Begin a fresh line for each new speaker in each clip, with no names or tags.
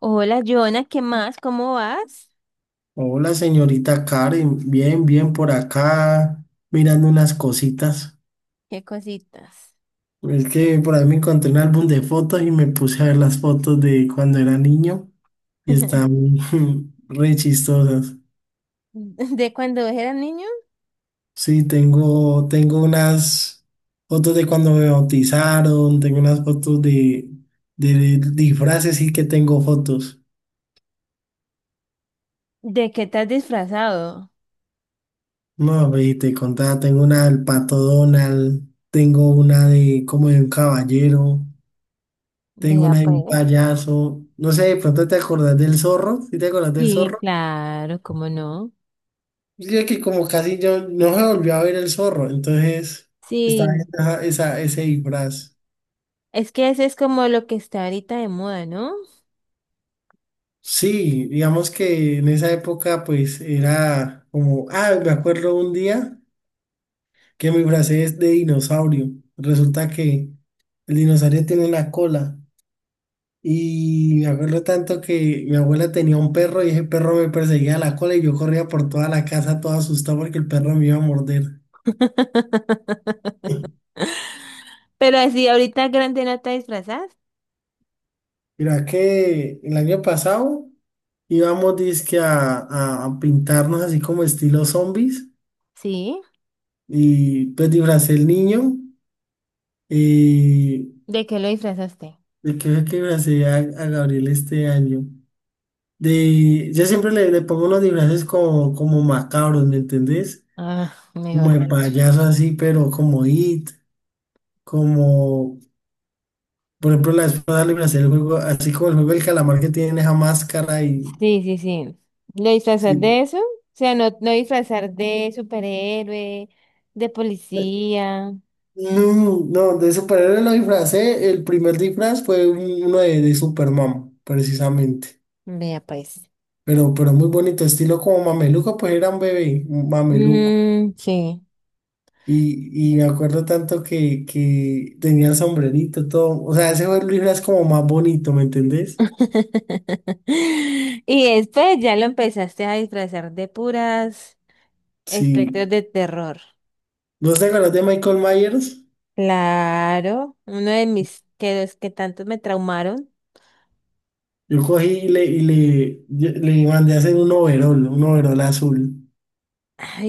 Hola, Jonah, ¿qué más? ¿Cómo vas?
Hola, señorita Karen, bien, bien por acá, mirando unas cositas.
¿Qué cositas?
Es que por ahí me encontré un álbum de fotos y me puse a ver las fotos de cuando era niño y están re chistosas.
¿De cuando eras niño?
Sí, tengo unas fotos de cuando me bautizaron, tengo unas fotos de disfraces y que tengo fotos.
¿De qué te has disfrazado?
No, ve, te contaba, tengo una del Pato Donald, tengo una de como de un caballero. Tengo
Vea
una de un
pues.
payaso. No sé, de pronto te acordás del zorro. ¿Sí te acordás del
Sí,
zorro?
claro, ¿cómo no?
Yo que como casi yo no se volvió a ver el zorro. Entonces estaba
Sí.
ese disfraz.
Es que ese es como lo que está ahorita de moda, ¿no?
Sí, digamos que en esa época pues era como, me acuerdo un día que mi disfracé es de dinosaurio. Resulta que el dinosaurio tiene una cola. Y me acuerdo tanto que mi abuela tenía un perro y ese perro me perseguía a la cola y yo corría por toda la casa todo asustado porque el perro me iba a morder.
Pero así, ahorita grande no te disfrazas.
Mira que el año pasado íbamos dizque a pintarnos así como estilo zombies
Sí.
y pues disfracé el niño y
¿De qué lo disfrazaste?
de qué fue que disfracé a Gabriel este año. De, yo siempre le pongo unos disfraces como, como macabros, ¿me entendés?
Ah,
Como
mejor
de
dicho.
payaso así, pero como It, como por ejemplo la espada libre hacer el juego, así como el juego del calamar que tiene esa máscara y
Sí, sí, sí. Lo disfrazas
sí.
de eso. O sea, no, no disfrazar de superhéroe, de policía.
No, no, de superhéroe lo disfracé, el primer disfraz fue uno de Superman, precisamente.
Vea pues.
Pero muy bonito, estilo como mameluco, pues era un bebé, un mameluco.
Mm, sí.
Y me acuerdo tanto que tenía sombrerito, todo. O sea, ese fue el disfraz como más bonito, ¿me entendés?
Y después ya lo empezaste a disfrazar de puras
Sí.
espectros de terror.
¿Vos te acuerdas de Michael Myers?
Claro, uno de mis que los que tanto me traumaron.
Yo cogí le mandé a hacer un overol azul.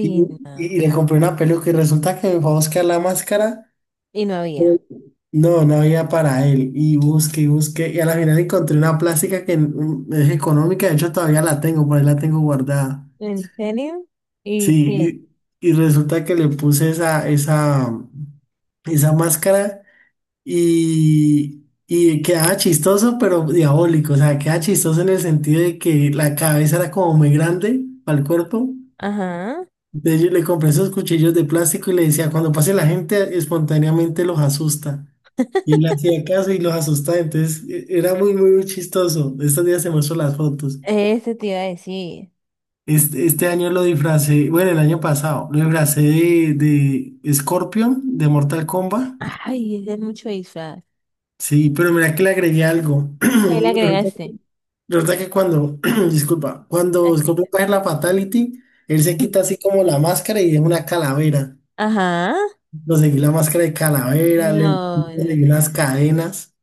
Y, y-
no.
y le compré una peluca y resulta que me fue a buscar la máscara.
Y no había.
No, no había para él. Y busqué y busqué. Y a la final encontré una plástica que es económica. De hecho, todavía la tengo, por ahí la tengo guardada.
¿En serio? ¿Y qué?
Sí, y resulta que le puse esa máscara. Y, y quedaba chistoso, pero diabólico. O sea, quedaba chistoso en el sentido de que la cabeza era como muy grande para el cuerpo.
Ajá.
Entonces yo le compré esos cuchillos de plástico y le decía, cuando pase la gente, espontáneamente los asusta. Y él hacía caso y los asustaba. Entonces era muy chistoso. Estos días se muestro las fotos.
Eso te iba a decir.
Este año lo disfracé, bueno, el año pasado, lo disfracé de Scorpion, de Mortal Kombat.
Ay, es de mucho disfraz.
Sí, pero mira que le agregué algo.
¿Qué le agregaste?
Resulta que cuando, disculpa, cuando Scorpion
Tranquilo.
coge la Fatality, él se quita así como la máscara y es una calavera.
Ajá.
Conseguí la máscara de calavera, le
No, no,
conseguí
no.
unas cadenas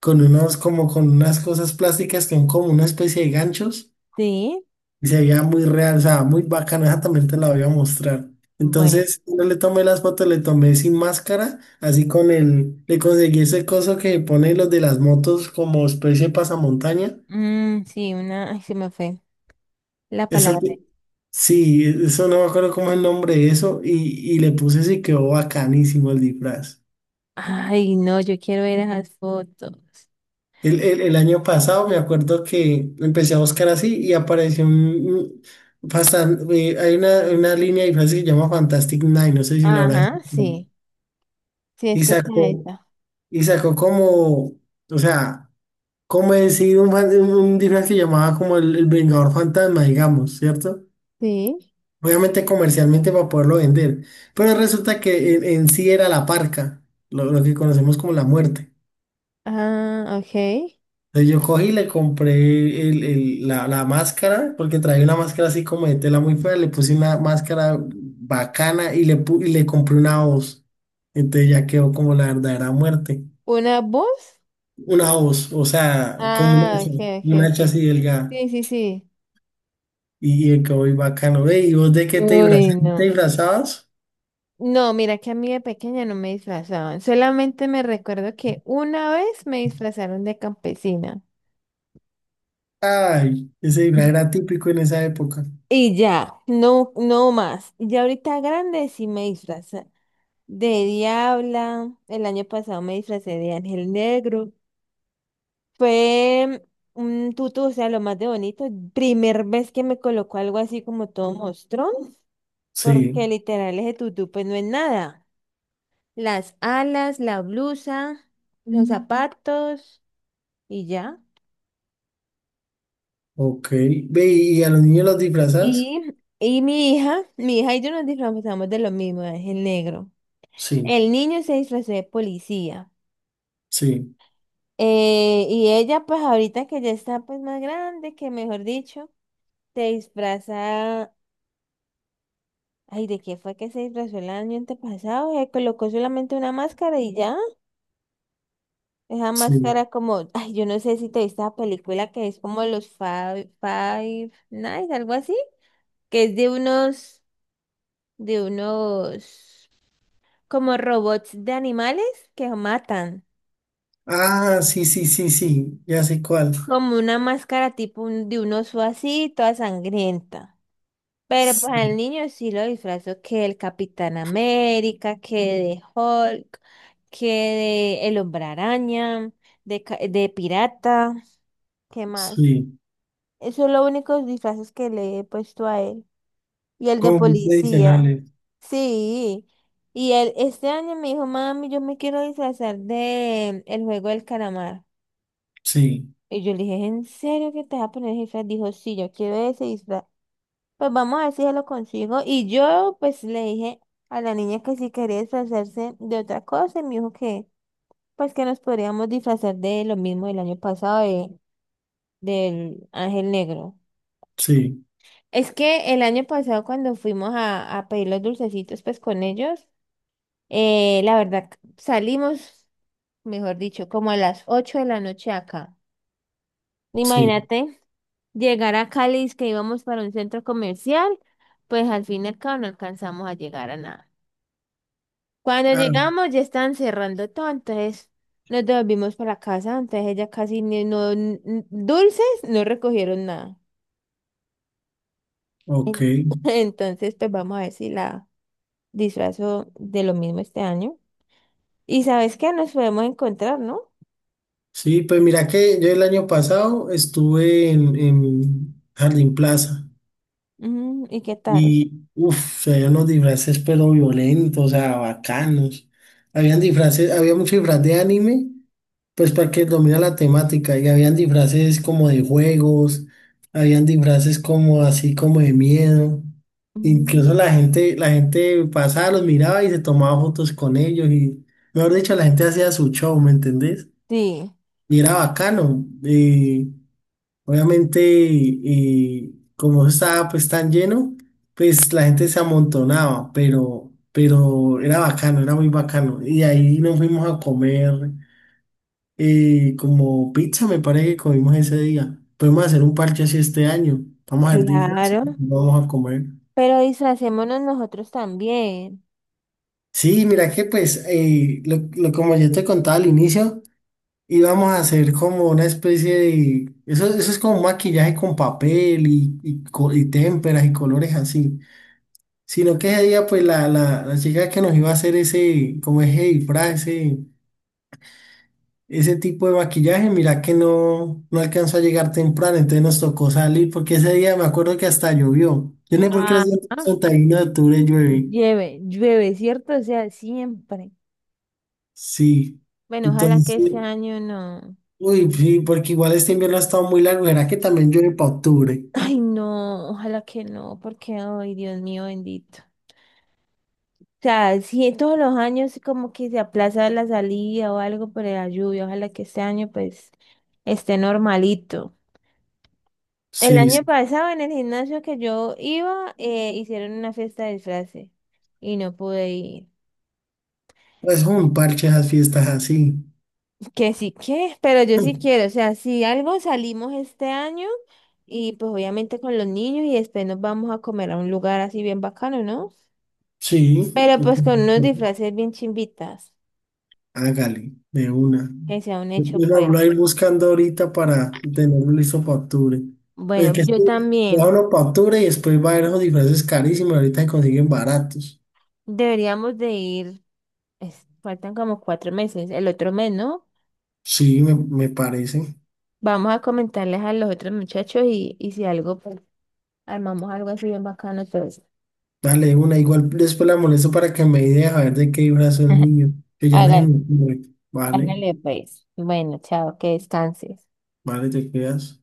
con unos, como con unas cosas plásticas que son como una especie de ganchos
Sí.
y se veía muy real, o sea, muy bacano. Esa también te la voy a mostrar.
Bueno.
Entonces, yo le tomé las fotos, le tomé sin máscara, así con el, le conseguí ese coso que pone los de las motos como especie de pasamontaña.
Mm, sí, una. Ay, se me fue la
Eso,
palabra.
sí, eso no me acuerdo cómo es el nombre de eso y le puse eso y quedó bacanísimo el disfraz.
Ay, no, yo quiero ver esas fotos.
El año pasado me acuerdo que empecé a buscar así y apareció hay una línea de disfraces que se llama Fantastic Nine, no sé si la habrás
Ajá,
escuchado.
sí. Sí,
Y
escucha
sacó,
esa.
y sacó como, o sea, como decir un, fan- un disfraz que llamaba como el Vengador Fantasma, digamos, ¿cierto?
Sí.
Obviamente comercialmente para poderlo vender. Pero resulta que en sí era la parca, lo que conocemos como la muerte.
Ah, ok.
Entonces yo cogí y le compré la máscara, porque traía una máscara así como de tela muy fea, le puse una máscara bacana y y le compré una voz. Entonces ya quedó como la verdadera muerte.
¿Una voz?
Una voz, o sea, como
Ah, ok, ok,
un hacha
ok.
así delgada.
Sí, sí, sí.
Y quedó muy bacano. Ve, ¿y vos de qué te
Uy,
disfrazabas? ¿Te
no.
disfrazabas?
No, mira que a mí de pequeña no me disfrazaban. Solamente me recuerdo que una vez me disfrazaron de campesina.
Ay, ese disfraz era típico en esa época.
Y ya, no, no más. Y ya ahorita grande sí me disfraza de diabla. El año pasado me disfracé de ángel negro. Fue un tutu, o sea, lo más de bonito. Primer vez que me colocó algo así como todo mostrón, porque
Sí,
literal ese tutú pues no es nada. Las alas, la blusa, los zapatos. Y ya.
ok. Ve, ¿y a los niños los disfrazas?
Y, y mi hija y yo nos disfrazamos de lo mismo, es el negro.
Sí,
El niño se disfrazó de policía.
sí,
Y ella, pues ahorita que ya está pues más grande, que mejor dicho, se disfraza. Ay, ¿de qué fue que se disfrazó el año antepasado? Se colocó solamente una máscara y ya. Esa máscara
sí.
como, ay, yo no sé si te viste la película que es como los Five, Five Nights, algo así, que es de unos, de unos, como robots de animales que matan,
Ah, sí, sí, sí, sí, ya sé cuál.
como una máscara tipo un- de un oso así, toda sangrienta. Pero pues al
Sí,
niño sí lo disfrazó que el Capitán América, que de Hulk, que de el Hombre Araña, de, ca- de pirata, ¿qué más?
sí.
Esos son los únicos disfraces que le he puesto a él. Y el de
Como muy
policía.
tradicionales.
Sí. Y él este año me dijo, mami, yo me quiero disfrazar de el juego del calamar.
Sí,
Y yo le dije, ¿en serio que te vas a poner el disfraz? Dijo, sí, yo quiero ese disfraz. Pues vamos a ver si se lo consigo. Y yo, pues, le dije a la niña que si quería disfrazarse de otra cosa. Y me dijo que, pues, que nos podríamos disfrazar de lo mismo del año pasado, de, del Ángel Negro.
sí,
Es que el año pasado, cuando fuimos a pedir los dulcecitos, pues, con ellos, la verdad, salimos, mejor dicho, como a las 8 de la noche acá.
sí.
Imagínate. Llegar a Cali, es que íbamos para un centro comercial, pues al fin y al cabo no alcanzamos a llegar a nada. Cuando
Ah,
llegamos ya estaban cerrando todo, entonces nos devolvimos para la casa, entonces ella casi ni- no, n- dulces no recogieron nada.
ok.
En- entonces, pues vamos a ver si la disfrazo de lo mismo este año. Y sabes que nos podemos encontrar, ¿no?
Sí, pues mira que yo el año pasado estuve en Jardín Plaza
Mm, ¿y qué tal?
y, uff, había unos disfraces pero violentos, o sea, bacanos. Habían disfraces, había mucho disfraz de anime. Pues porque domina la temática y habían disfraces como de juegos, habían disfraces como así como de miedo. Incluso
Mm,
la gente pasaba, los miraba y se tomaba fotos con ellos y, mejor dicho, la gente hacía su show, ¿me entendés?
sí,
Y era bacano. Y obviamente, y como eso estaba pues tan lleno, pues la gente se amontonaba, pero era bacano, era muy bacano. Y ahí nos fuimos a comer. Y como pizza me parece que comimos ese día. Podemos hacer un parche así este año. Vamos a ver disfraces,
claro.
vamos a comer.
Pero disfracémonos nosotros también.
Sí, mira que pues, como yo te contaba al inicio, íbamos a hacer como una especie de... Eso es como un maquillaje con papel y témperas y colores así. Sino que ese día pues la chica que nos iba a hacer ese, como ese disfraz, ese ese tipo de maquillaje, mira que no, no alcanzó a llegar temprano, entonces nos tocó salir, porque ese día me acuerdo que hasta llovió. Yo no sé por qué los
Ah.
días 31 de octubre llueve.
Llueve, llueve, ¿cierto? O sea, siempre.
Sí.
Bueno, ojalá que este
Entonces,
año no.
uy, sí, porque igual este invierno ha estado muy largo, ¿será que también llueve para octubre?
Ay, no, ojalá que no, porque, ay, Dios mío, bendito. O sea, sí, todos los años como que se aplaza la salida o algo por la lluvia. Ojalá que este año, pues, esté normalito. El
Sí,
año
sí.
pasado en el gimnasio que yo iba, hicieron una fiesta de disfraces y no pude ir.
Pues un parche esas fiestas así.
Que sí que, pero yo sí quiero, o sea, si algo salimos este año y pues obviamente con los niños y después nos vamos a comer a un lugar así bien bacano, ¿no?
Sí.
Pero pues con unos disfraces bien chimbitas,
Hágale, de una.
que sea un
Yo
hecho
quiero
pues.
hablar ir buscando ahorita para tenerlo listo para octubre. Es
Bueno,
que esto,
yo también
déjalo para octubre y después va a haber esos disfraces carísimos. Ahorita se consiguen baratos.
deberíamos de ir, es- faltan como cuatro meses, el otro mes, ¿no?
Sí, me parece.
Vamos a comentarles a los otros muchachos y si algo, pues armamos algo así bien bacano, entonces.
Dale, de una. Igual después la molesto para que me idea a ver de qué disfraz es el niño. Que ya no es
Hágale,
mi Vale,
hágale pues. Bueno, chao, que descanses.
vale, te quedas.